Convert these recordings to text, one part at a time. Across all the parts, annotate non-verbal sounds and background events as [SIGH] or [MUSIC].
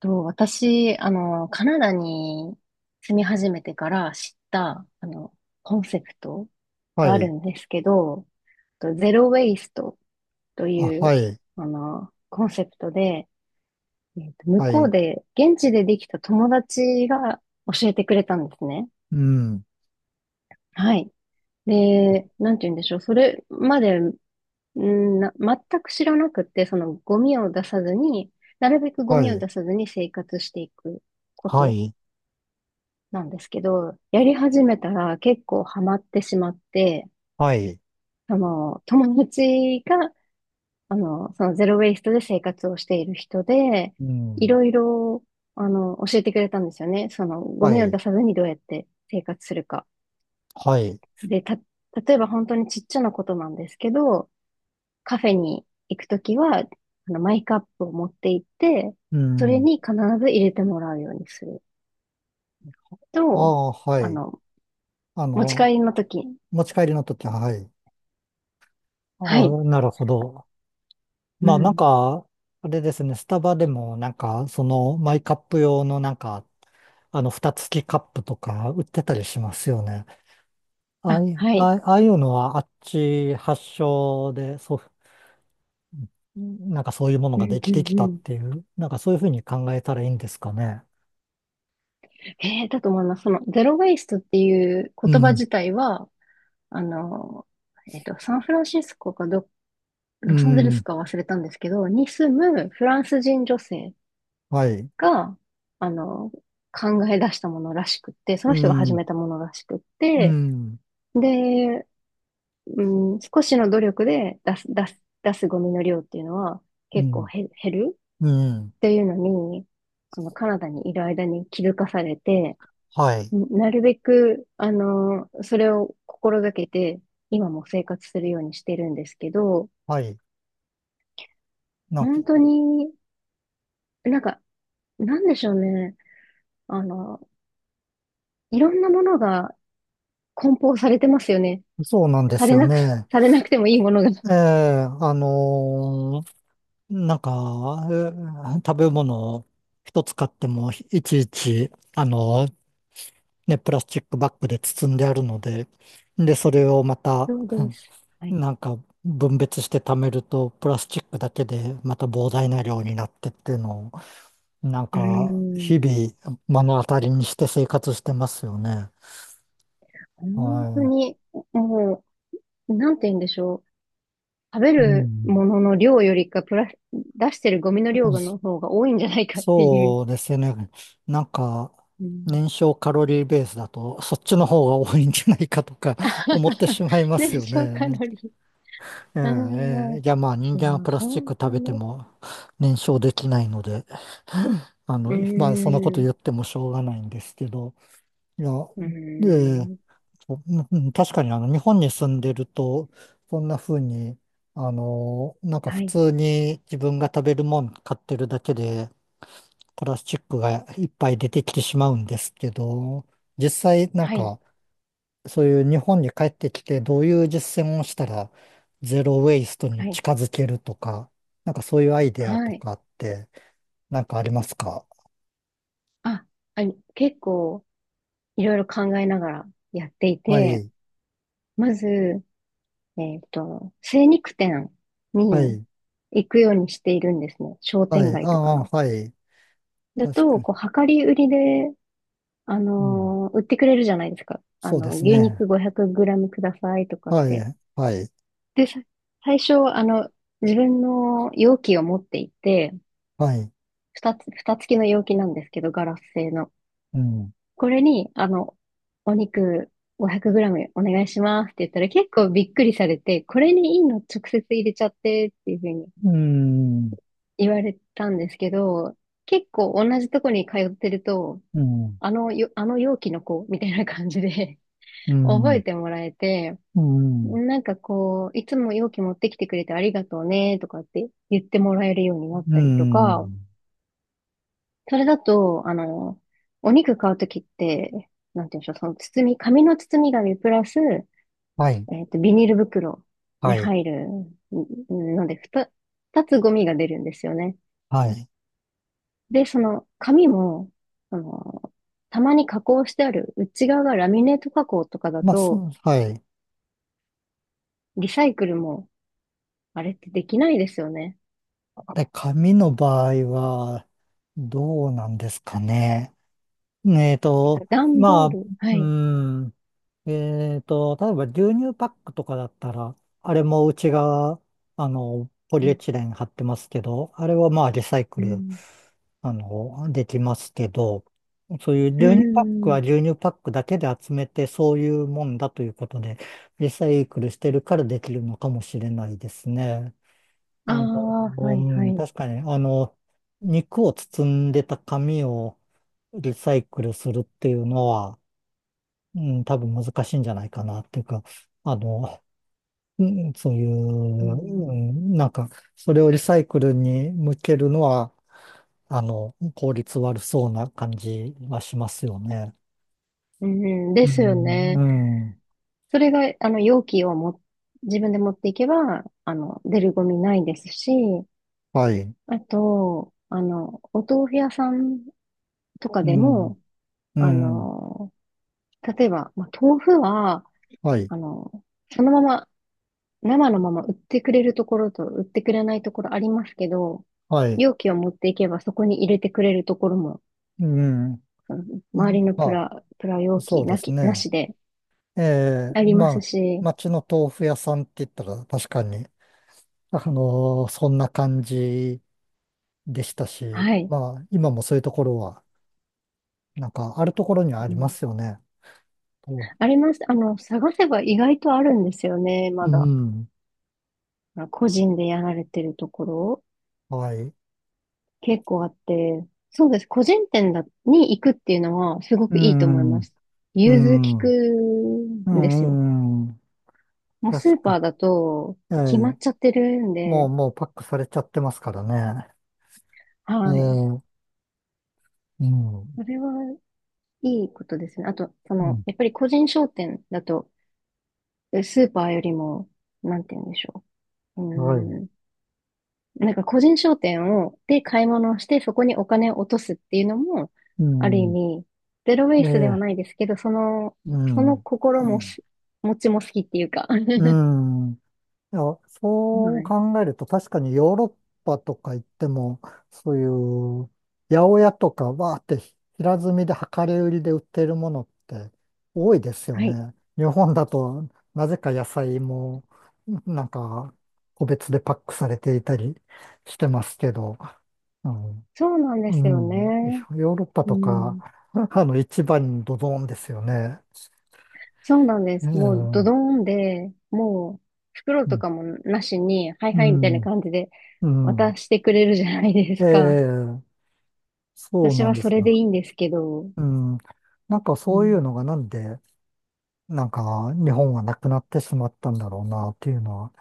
と、私、カナダに住み始めてから知った、コンセプトはがあい。るんですけど、とゼロ・ウェイストとあ、いはう、い。コンセプトで、向はこうい。で、現地でできた友達が教えてくれたんですね。うん。はい。で、なんて言うんでしょう。それまで、全く知らなくて、そのゴミを出さずに、なるべくゴはミをい。出さずに生活していくこはと。い。なんですけど、やり始めたら結構ハマってしまって、はい。友達が、そのゼロウェイストで生活をしている人で、ういん。ろいろ、教えてくれたんですよね。その、ゴはミをい。出さずにどうやって生活するか。はい。で、例えば本当にちっちゃなことなんですけど、カフェに行くときは、マイカップを持って行って、うそれん。に必ず入れてもらうようにするあと、あ、はあい。の、あ持ち帰の、りのとき、持ち帰りの時は、はい。あはい。あ、なるほど。うまあ、なんん、か、あれですね。スタバでも、マイカップ用の、蓋付きカップとか売ってたりしますよね。あああ、い、はあい。あああいうのは、あっち発祥で、なんかそういうものうがでん、うきん、てきうたっん。ていう、なんかそういうふうに考えたらいいんですかね。ええだと思います。その、ゼロ・ウェイストっていうう言葉ん、自体は、あの、サンフランシスコか、うロサンゼルスん、か忘れたんですけど、に住むフランス人女性はい、が、あの、考え出したものらしくって、そうの人が始ん、めたものらしくっうて、ん、で、う少しの努力で出すゴミの量っていうのはう結構ん、減るうん、っていうのに、そのカナダにいる間に気づかされて、はい、なるべく、それを心がけて、今も生活するようにしてるんですけど、はい。なんか、本当に、なんか、なんでしょうね。あの、いろんなものが梱包されてますよね。そうなんでさすれよなく、ね。されなくてもいいものが。ええ、あのーなんか、食べ物を一つ買っても、いちいち、ね、プラスチックバッグで包んであるので、で、それをまた、そうです。はい。なんか分別して貯めると、プラスチックだけでまた膨大な量になってっていうのを、なんうーか日ん。々目の当たりにして生活してますよね。本当はに、もう、なんて言うんでしょう。食べい。うるん。ものの量よりか、プラス、出してるゴミのう量んその方が多いんじゃないかっていう。そうですよね。なんか、うん 燃焼カロリーベースだと、そっちの方が多いんじゃないかとか [LAUGHS] 思って [LAUGHS] しまいます燃よ焼カね。ロリー。えあえ、えあ、え、いや、まあ人い間はや、プラスチッ本ク当食べてに。も燃焼できないので、あうの、まあそんなことーん、言ってもしょうがないんですけど、いや、うーええ、ん。そう、確かにあの日本に住んでると、そんな風に、あの、なんかは普い、通に自分が食べるもん買ってるだけで、プラスチックがいっぱい出てきてしまうんですけど、実際なんはい、か、そういう日本に帰ってきて、どういう実践をしたら、ゼロウェイストはにい、近づけるとか、なんかそういうアイデアはとい。かって、なんかありますか？あ、結構、いろいろ考えながらやっていはて、い、まず、精肉店はにい、行くようにしているんですね。商は店い、あ街とかあ、の。はい、だ確と、かこう、量り売りで、に。売ってくれるじゃないですか。そうです牛ね。肉 500g グラムくださいとかっはて。い、はい、で、最初、自分の容器を持っていて、はい。二つ、蓋付きの容器なんですけど、ガラス製の。うん、これに、お肉 500g お願いしますって言ったら結構びっくりされて、これにいいの直接入れちゃってっていうふうにうん、言われたんですけど、結構同じとこに通ってると、うん、あのよ、あの容器の子みたいな感じで う [LAUGHS] 覚えん、てもらえて、うん、なんかこう、いつも容器持ってきてくれてありがとうねとかって言ってもらえるようになっうたりとか、ん。それだと、お肉買うときって、なんて言うんでしょう、その包み、紙の包み紙プラス、はい、ビニール袋にはい、入るんので、二つゴミが出るんですよね。はい。で、その紙も、あの、たまに加工してある内側がラミネート加工とかだまあ、そと、う、はい。リサイクルも、あれってできないですよね。あれ、紙の場合は、どうなんですかね。えっと、段ボーまあ、ル、はうい。ん、えっと、例えば牛乳パックとかだったら、あれもうちが、あの、ポうリエん、チレン貼ってますけど、あれはまあリサイクうル、ん、あの、できますけど、そういうう牛乳パックん。は牛乳パックだけで集めて、そういうもんだということで、リサイクルしてるからできるのかもしれないですね。ああの、あ、はういはん、い。確かに、あの、肉を包んでた紙をリサイクルするっていうのは、うん、多分難しいんじゃないかなっていうか、あの、うんそういうう、うん、ん、なんか、それをリサイクルに向けるのは、あの、効率悪そうな感じはしますよね。うん、でうすよん、うね。ん、それが、容器をも、自分で持っていけば、出るゴミないですし、はい、あと、お豆腐屋さんとかうでん、も、うあん、の、例えば、まあ、豆腐は、はい、あの、そのまま、生のまま売ってくれるところと売ってくれないところありますけど、はい、容器を持っていけばそこに入れてくれるところもうん、あのう周りんのまプラ容あ、そ器うですなね。しでえあえ、りまますあ、し、町の豆腐屋さんって言ったら確かに、あの、そんな感じでしたし、はい。まあ、今もそういうところは、なんか、あるところにはあうりまん、すよね。とあります。探せば意外とあるんですよね、まうだ。ん。個人でやられてるところ、はい。結構あって、そうです。個人店に行くっていうのは、すごうくいいと思いん。ます。う融通きん。くうんですよ。ん。うんもうスー確パーか。だと、え決まっえ。ちゃってるんもう、で、もうパックされちゃってますからね。ええ。はい。うん。うそれは、いいことですね。あと、その、ん。やっぱり個人商店だと、でスーパーよりも、なんて言うんでしょう。うはい。ーん。なんか個人商店を、で買い物をして、そこにお金を落とすっていうのも、うある意ん。味、ゼロウェえイスではえ。ないですけど、その、うそん。の心うもん。し、持ちも好きっていうか。[LAUGHS] うはん、いや、そうい。考えると確かにヨーロッパとか行っても、そういう八百屋とかわーって平積みで量り売りで売ってるものって多いです [LAUGHS] よはい。ね。日本だとなぜか野菜もなんか個別でパックされていたりしてますけど、うん、そうなんですようん、ね。ヨーロッパうとか、ん。[LAUGHS] あの市場にドドンですよね。そうなんでうす。もうん、ドうドん、ーンで、もう袋とかもなしに、はいうはいみたいなん。感じでうん渡してくれるじゃないですか。ええそう私なんはでそすれでいが。いんですけど。うん。なんかうそういうんのがなんで、なんか日本はなくなってしまったんだろうなっていうのは、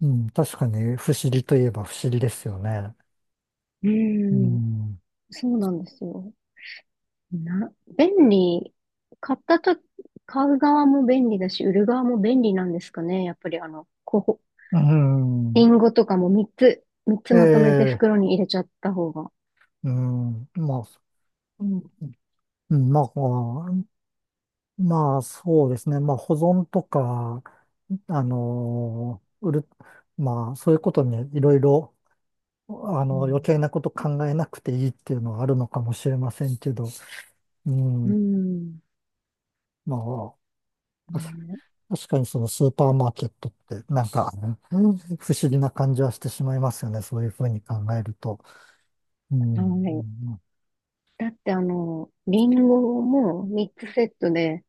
うん、確かに不思議といえば不思議ですよね。うーうん、ん。そうなんですよ。な、便利、買ったと、買う側も便利だし、売る側も便利なんですかね。やっぱりこう、うリん。ンゴとかも3つえまとめてえ、袋に入れちゃった方が。うん。まあ、うんうんまあ、こまあ、そうですね。まあ、保存とか、あの、売る、まあ、そういうことにいろいろ、あうの、余ん。計なこと考えなくていいっていうのはあるのかもしれませんけど、ううーん。ん、まあ、確ね確かにそのスーパーマーケットってなんか、うん不思議な感じはしてしまいますよね。そういうふうに考えると。うん。え、はい。うんだってリンゴも3つセットで、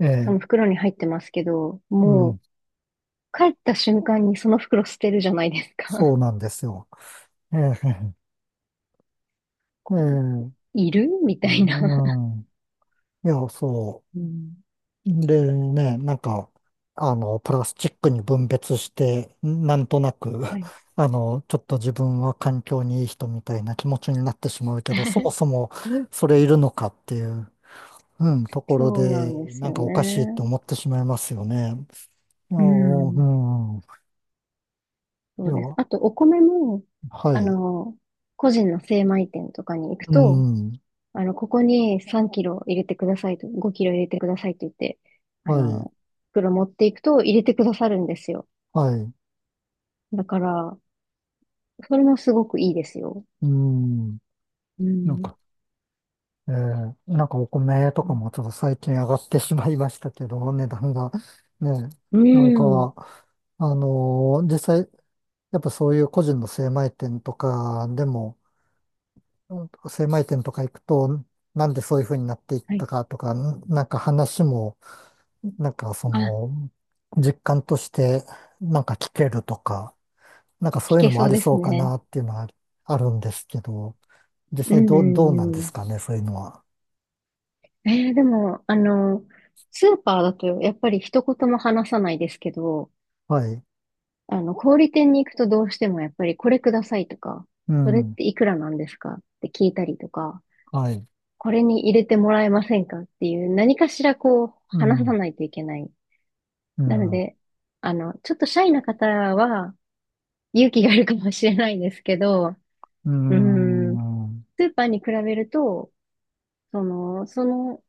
えそえ、の袋に入ってますけど、うもう、ん。帰った瞬間にその袋捨てるじゃないですそか。うなんですよ。ええ、ええ、[LAUGHS] ういるみたいな。ん。いや、そう。うん。でね、なんか、あの、プラスチックに分別して、なんとなく、[LAUGHS] はい。あの、ちょっと自分は環境にいい人みたいな気持ちになってしまうけど、そもそ [LAUGHS] もそれいるのかっていう。うん、ところそうなで、んですなんよかおかしいってね。思ってしまいますよね。いや、ううん。ん、いそうや、です。はあと、お米も、あい、の、個人の精米店とかに行くうと、ん、ここに3キロ入れてくださいと、5キロ入れてくださいって言って、あはい、の、袋持っていくと入れてくださるんですよ。はい、だから、それもすごくいいですよ。うん、うなんん。か、えー、なんかお米とかもちょっと最近上がってしまいましたけど、値段が。ね、うなんか、ん。うん、実際、やっぱそういう個人の精米店とかでも、うん精米店とか行くと、なんでそういうふうになっていっはたい。かとか、なんか話も、なんかそあ、の、実感としてなんか聞けるとか、なんかそ聞ういうのけもそあうりでそすうかね。なっていうのはあるんですけど、実う際ん、うどう、どうなんでん、うすん。かね、そういうのは。でも、スーパーだとやっぱり一言も話さないですけど、はい。小売店に行くとどうしてもやっぱりこれくださいとか、うそれっん。ていくらなんですかって聞いたりとか、はい。これに入れてもらえませんかっていう何かしらこうう話さん。ないといけない。うなのん。で、ちょっとシャイな方は勇気がいるかもしれないですけど、ううーん、ん。スーパーに比べると、その、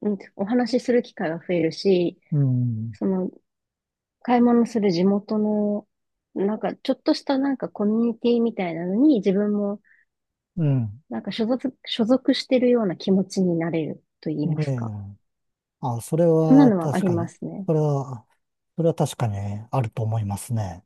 うんお話しする機会が増えるし、うん。その、買い物する地元の、なんか、ちょっとしたなんかコミュニティみたいなのに自分もうん。なんか所属してるような気持ちになれると言いまえすか。え。あ、それそんなはのはあ確りかまに、すね。それは、それは確かにあると思いますね。